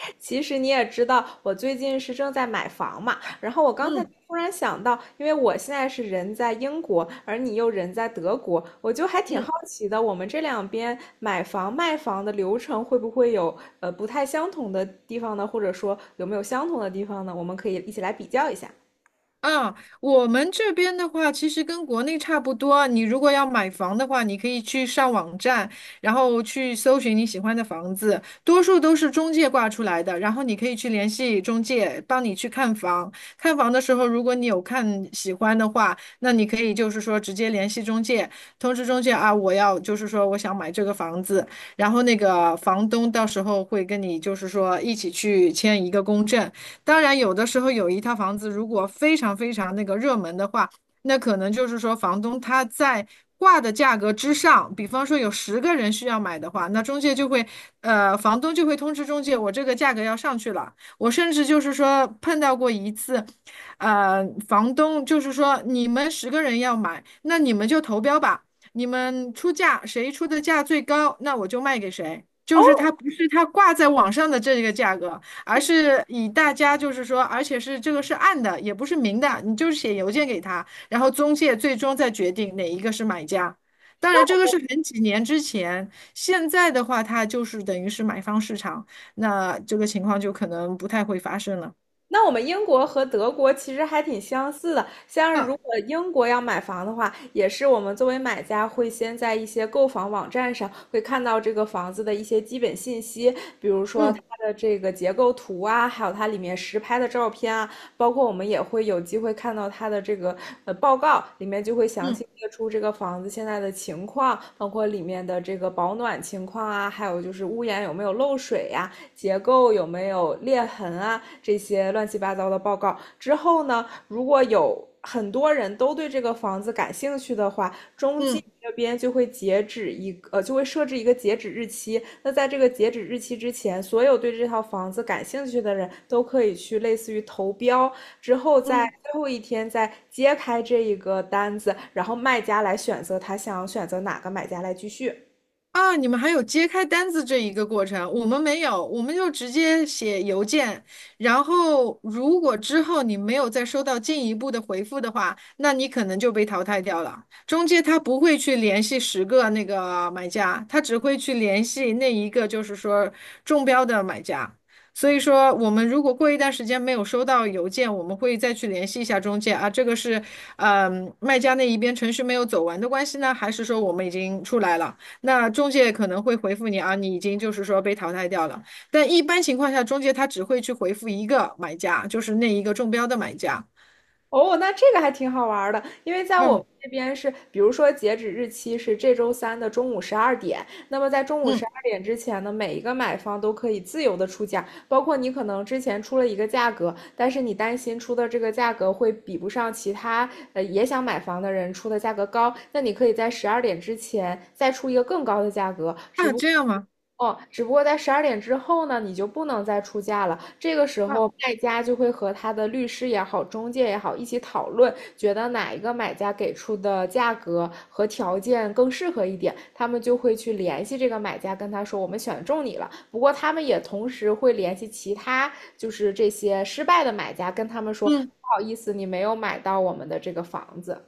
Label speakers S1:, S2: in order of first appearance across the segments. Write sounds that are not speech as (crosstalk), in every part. S1: (laughs) 其实你也知道，我最近是正在买房嘛，然后我刚才
S2: 嗯。
S1: 突然想到，因为我现在是人在英国，而你又人在德国，我就还挺
S2: 嗯。
S1: 好奇的，我们这两边买房卖房的流程会不会有不太相同的地方呢？或者说有没有相同的地方呢？我们可以一起来比较一下。
S2: 啊，我们这边的话，其实跟国内差不多。你如果要买房的话，你可以去上网站，然后去搜寻你喜欢的房子，多数都是中介挂出来的。然后你可以去联系中介，帮你去看房。看房的时候，如果你有看喜欢的话，那你可以就是说直接联系中介，通知中介啊，我要就是说我想买这个房子，然后那个房东到时候会跟你就是说一起去签一个公证。当然，有的时候有一套房子如果非常非常那个热门的话，那可能就是说房东他在挂的价格之上，比方说有十个人需要买的话，那中介就会，房东就会通知中介，我这个价格要上去了。我甚至就是说碰到过一次，房东就是说你们十个人要买，那你们就投标吧。你们出价，谁出的价最高，那我就卖给谁。就是他不是他挂在网上的这个价格，而是以大家就是说，而且是这个是暗的，也不是明的，你就是写邮件给他，然后中介最终再决定哪一个是买家。当然，这个是很几年之前，现在的话，它就是等于是买方市场，那这个情况就可能不太会发生了。
S1: 那我们英国和德国其实还挺相似的，像是如
S2: 啊。
S1: 果英国要买房的话，也是我们作为买家会先在一些购房网站上会看到这个房子的一些基本信息，比如说它
S2: 嗯，
S1: 的这个结构图啊，还有它里面实拍的照片啊，包括我们也会有机会看到它的这个报告，里面就会详
S2: 嗯，
S1: 细列出这个房子现在的情况，包括里面的这个保暖情况啊，还有就是屋檐有没有漏水呀、结构有没有裂痕啊这些乱七八糟的报告。之后呢，如果有很多人都对这个房子感兴趣的话，中介
S2: 嗯，
S1: 这边就会截止一个呃，就会设置一个截止日期。那在这个截止日期之前，所有对这套房子感兴趣的人都可以去类似于投标，之后在
S2: 嗯。
S1: 最后一天再揭开这一个单子，然后卖家来选择他想选择哪个买家来继续。
S2: 啊，你们还有揭开单子这一个过程，我们没有，我们就直接写邮件。然后，如果之后你没有再收到进一步的回复的话，那你可能就被淘汰掉了。中介他不会去联系十个那个买家，他只会去联系那一个就是说中标的买家。所以说，我们如果过一段时间没有收到邮件，我们会再去联系一下中介啊，这个是，卖家那一边程序没有走完的关系呢，还是说我们已经出来了？那中介可能会回复你啊，你已经就是说被淘汰掉了。但一般情况下，中介他只会去回复一个买家，就是那一个中标的买家。
S1: 哦，那这个还挺好玩儿的，因为在我们
S2: 嗯。
S1: 这边是，比如说截止日期是这周三的中午十二点，那么在中午十
S2: 嗯。
S1: 二点之前呢，每一个买方都可以自由的出价，包括你可能之前出了一个价格，但是你担心出的这个价格会比不上其他也想买房的人出的价格高，那你可以在十二点之前再出一个更高的价格，
S2: 啊，这样吗？
S1: 只不过在十二点之后呢，你就不能再出价了。这个时
S2: 啊。
S1: 候，卖家就会和他的律师也好、中介也好一起讨论，觉得哪一个买家给出的价格和条件更适合一点，他们就会去联系这个买家，跟他说我们选中你了。不过他们也同时会联系其他，就是这些失败的买家，跟他们说不
S2: 嗯。
S1: 好意思，你没有买到我们的这个房子，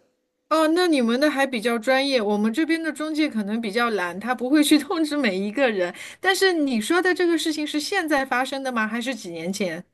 S2: 哦，那你们的还比较专业，我们这边的中介可能比较懒，他不会去 (laughs) 通知每一个人。但是你说的这个事情是现在发生的吗？还是几年前？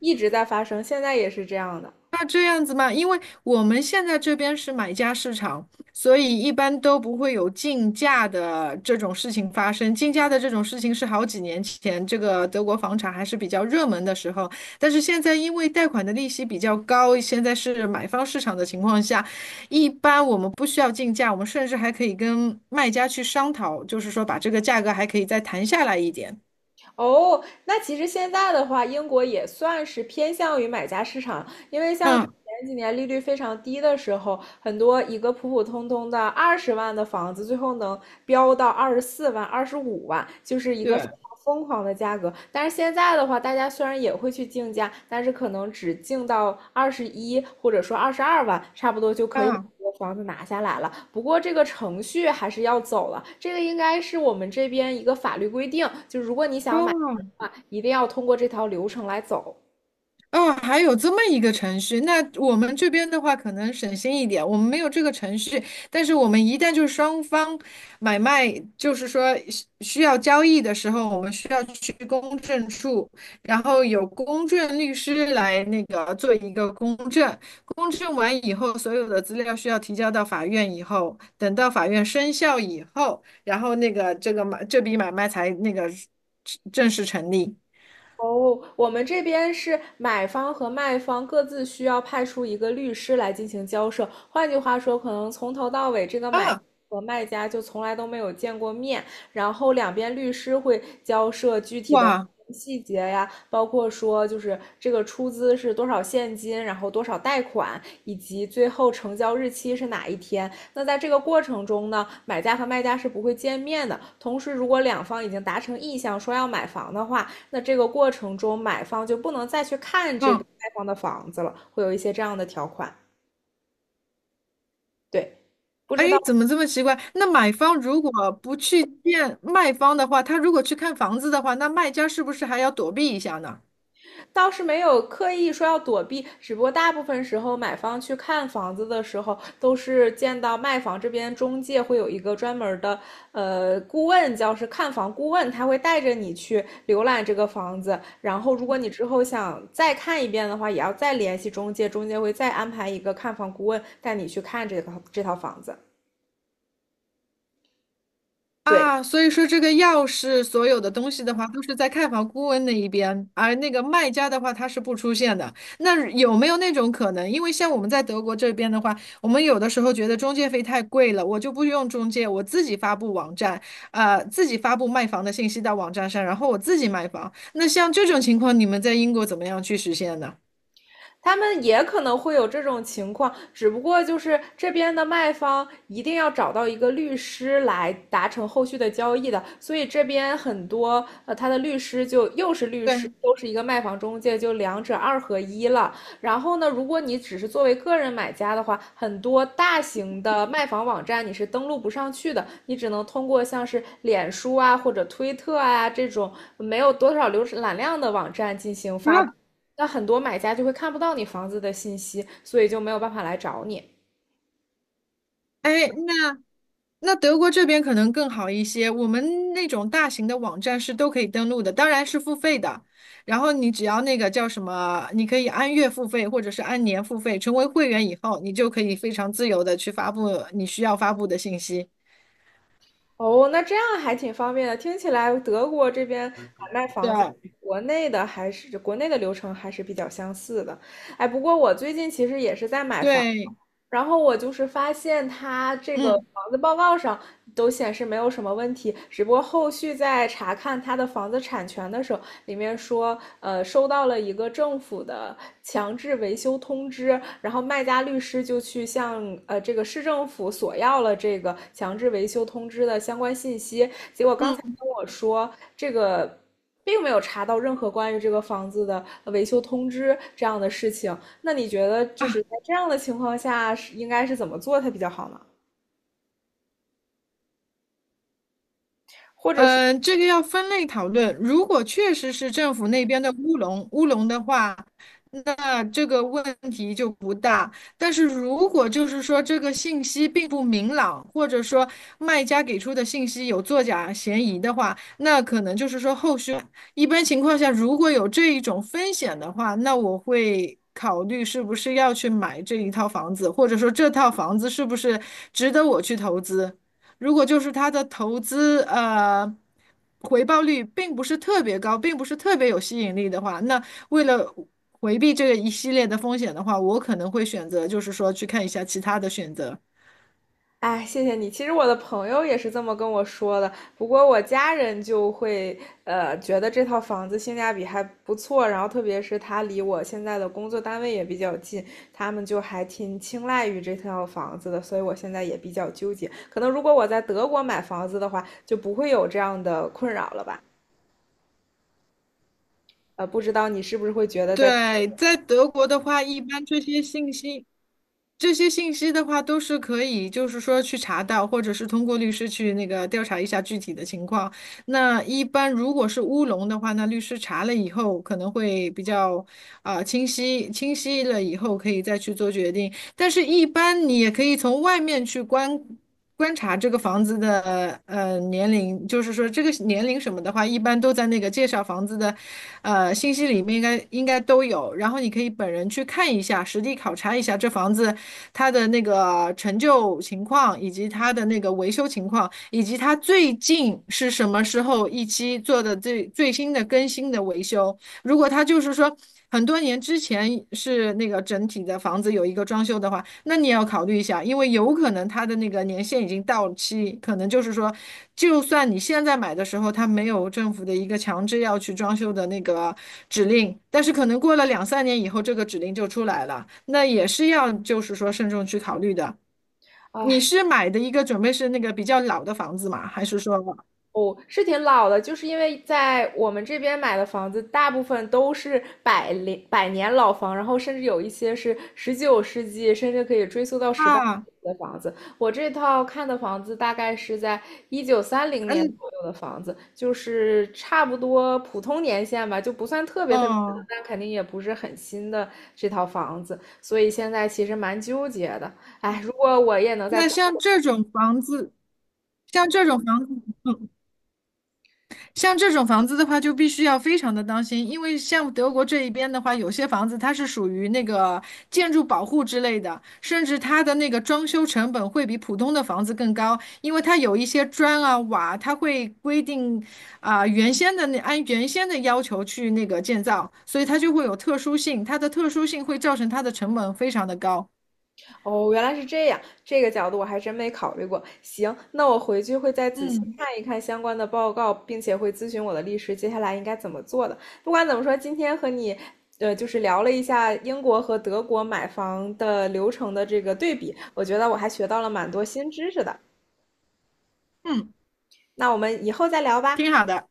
S1: 一直在发生，现在也是这样的。
S2: 那这样子吗？因为我们现在这边是买家市场，所以一般都不会有竞价的这种事情发生。竞价的这种事情是好几年前这个德国房产还是比较热门的时候，但是现在因为贷款的利息比较高，现在是买方市场的情况下，一般我们不需要竞价，我们甚至还可以跟卖家去商讨，就是说把这个价格还可以再谈下来一点。
S1: 哦，那其实现在的话，英国也算是偏向于买家市场，因为像是
S2: 嗯。
S1: 前几年利率非常低的时候，很多一个普普通通的20万的房子，最后能飙到24万、25万，就是一个非
S2: 对。
S1: 常疯狂的价格。但是现在的话，大家虽然也会去竞价，但是可能只竞到21或者说22万，差不多就可以把
S2: 啊。
S1: 这个房子拿下来了。不过这个程序还是要走了，这个应该是我们这边一个法律规定，就如果你想买房
S2: 哦。
S1: 的话，一定要通过这条流程来走。
S2: 哦，还有这么一个程序，那我们这边的话可能省心一点，我们没有这个程序，但是我们一旦就是双方买卖，就是说需要交易的时候，我们需要去公证处，然后有公证律师来那个做一个公证，公证完以后，所有的资料需要提交到法院以后，等到法院生效以后，然后那个这个买这笔买卖才那个正式成立。
S1: 哦，我们这边是买方和卖方各自需要派出一个律师来进行交涉。换句话说，可能从头到尾这个买
S2: 啊。
S1: 和卖家就从来都没有见过面，然后两边律师会交涉具体的
S2: 哇。
S1: 细节呀，包括说就是这个出资是多少现金，然后多少贷款，以及最后成交日期是哪一天。那在这个过程中呢，买家和卖家是不会见面的。同时，如果两方已经达成意向说要买房的话，那这个过程中，买方就不能再去看这个
S2: 嗯。
S1: 卖方的房子了，会有一些这样的条款。对，不知
S2: 哎，
S1: 道
S2: 怎么这么奇怪？那买方如果不去见卖方的话，他如果去看房子的话，那卖家是不是还要躲避一下呢？
S1: 倒是没有刻意说要躲避，只不过大部分时候买方去看房子的时候，都是见到卖房这边中介会有一个专门的顾问，叫是看房顾问，他会带着你去浏览这个房子，然后如果你之后想再看一遍的话，也要再联系中介，中介会再安排一个看房顾问带你去看这套房子。对，
S2: 啊，所以说这个钥匙所有的东西的话，都是在看房顾问那一边，而那个卖家的话，他是不出现的。那有没有那种可能？因为像我们在德国这边的话，我们有的时候觉得中介费太贵了，我就不用中介，我自己发布网站，自己发布卖房的信息到网站上，然后我自己卖房。那像这种情况，你们在英国怎么样去实现呢？
S1: 他们也可能会有这种情况，只不过就是这边的卖方一定要找到一个律师来达成后续的交易的，所以这边很多呃，他的律师就又是律
S2: 对。
S1: 师，又是一个卖房中介，就两者二合一了。然后呢，如果你只是作为个人买家的话，很多大型的卖房网站你是登录不上去的，你只能通过像是脸书啊或者推特啊这种没有多少浏览量的网站进行发布。
S2: 啊。
S1: 那很多买家就会看不到你房子的信息，所以就没有办法来找你。
S2: 哎，那那德国这边可能更好一些。我们那种大型的网站是都可以登录的，当然是付费的。然后你只要那个叫什么，你可以按月付费或者是按年付费。成为会员以后，你就可以非常自由的去发布你需要发布的信息。
S1: 哦，那这样还挺方便的。听起来德国这边买卖房子，
S2: 对，
S1: 国内的还是国内的流程还是比较相似的。哎，不过我最近其实也是在买房。
S2: 对。
S1: 然后我就是发现他这个
S2: 嗯，
S1: 房子报告上都显示没有什么问题，只不过后续在查看他的房子产权的时候，里面说，收到了一个政府的强制维修通知，然后卖家律师就去向这个市政府索要了这个强制维修通知的相关信息，结果刚才
S2: 嗯。
S1: 跟我说这个。并没有查到任何关于这个房子的维修通知这样的事情，那你觉得就是在
S2: 啊。
S1: 这样的情况下是应该是怎么做它比较好呢？或者说，
S2: 嗯，这个要分类讨论。如果确实是政府那边的乌龙，乌龙的话，那这个问题就不大。但是如果就是说这个信息并不明朗，或者说卖家给出的信息有作假嫌疑的话，那可能就是说后续一般情况下，如果有这一种风险的话，那我会考虑是不是要去买这一套房子，或者说这套房子是不是值得我去投资。如果就是它的投资回报率并不是特别高，并不是特别有吸引力的话，那为了回避这个一系列的风险的话，我可能会选择就是说去看一下其他的选择。
S1: 哎，谢谢你。其实我的朋友也是这么跟我说的，不过我家人就会觉得这套房子性价比还不错，然后特别是它离我现在的工作单位也比较近，他们就还挺青睐于这套房子的，所以我现在也比较纠结。可能如果我在德国买房子的话，就不会有这样的困扰了吧？不知道你是不是会觉得在
S2: 对，在德国的话，一般这些信息的话，都是可以，就是说去查到，或者是通过律师去那个调查一下具体的情况。那一般如果是乌龙的话，那律师查了以后可能会比较啊、清晰了以后可以再去做决定。但是，一般你也可以从外面去观察这个房子的年龄，就是说这个年龄什么的话，一般都在那个介绍房子的信息里面应该都有。然后你可以本人去看一下，实地考察一下这房子它的那个陈旧情况，以及它的那个维修情况，以及它最近是什么时候一期做的最最新的更新的维修。如果他就是说很多年之前是那个整体的房子有一个装修的话，那你也要考虑一下，因为有可能他的那个年限已经到期，可能就是说，就算你现在买的时候他没有政府的一个强制要去装修的那个指令，但是可能过了两三年以后这个指令就出来了，那也是要就是说慎重去考虑的。你是买的一个准备是那个比较老的房子吗？还是说？
S1: 哦，是挺老的，就是因为在我们这边买的房子，大部分都是百年百年老房，然后甚至有一些是19世纪，甚至可以追溯到十八世
S2: 啊。
S1: 纪的房子。我这套看的房子大概是在1930年
S2: 嗯。
S1: 左右的房子，就是差不多普通年限吧，就不算特别特别老，
S2: 哦。
S1: 但肯定也不是很新的这套房子，所以现在其实蛮纠结的。哎，如果我也能在
S2: 那
S1: 等
S2: 像这种房子？像这种房子，像这种房子的话，就必须要非常的当心，因为像德国这一边的话，有些房子它是属于那个建筑保护之类的，甚至它的那个装修成本会比普通的房子更高，因为它有一些砖啊瓦，它会规定啊、原先的那按原先的要求去那个建造，所以它就会有特殊性，它的特殊性会造成它的成本非常的高。
S1: 哦，原来是这样，这个角度我还真没考虑过。行，那我回去会再仔细
S2: 嗯，
S1: 看一看相关的报告，并且会咨询我的律师，接下来应该怎么做的。不管怎么说，今天和你，就是聊了一下英国和德国买房的流程的这个对比，我觉得我还学到了蛮多新知识的。那我们以后再聊吧。
S2: 挺好的。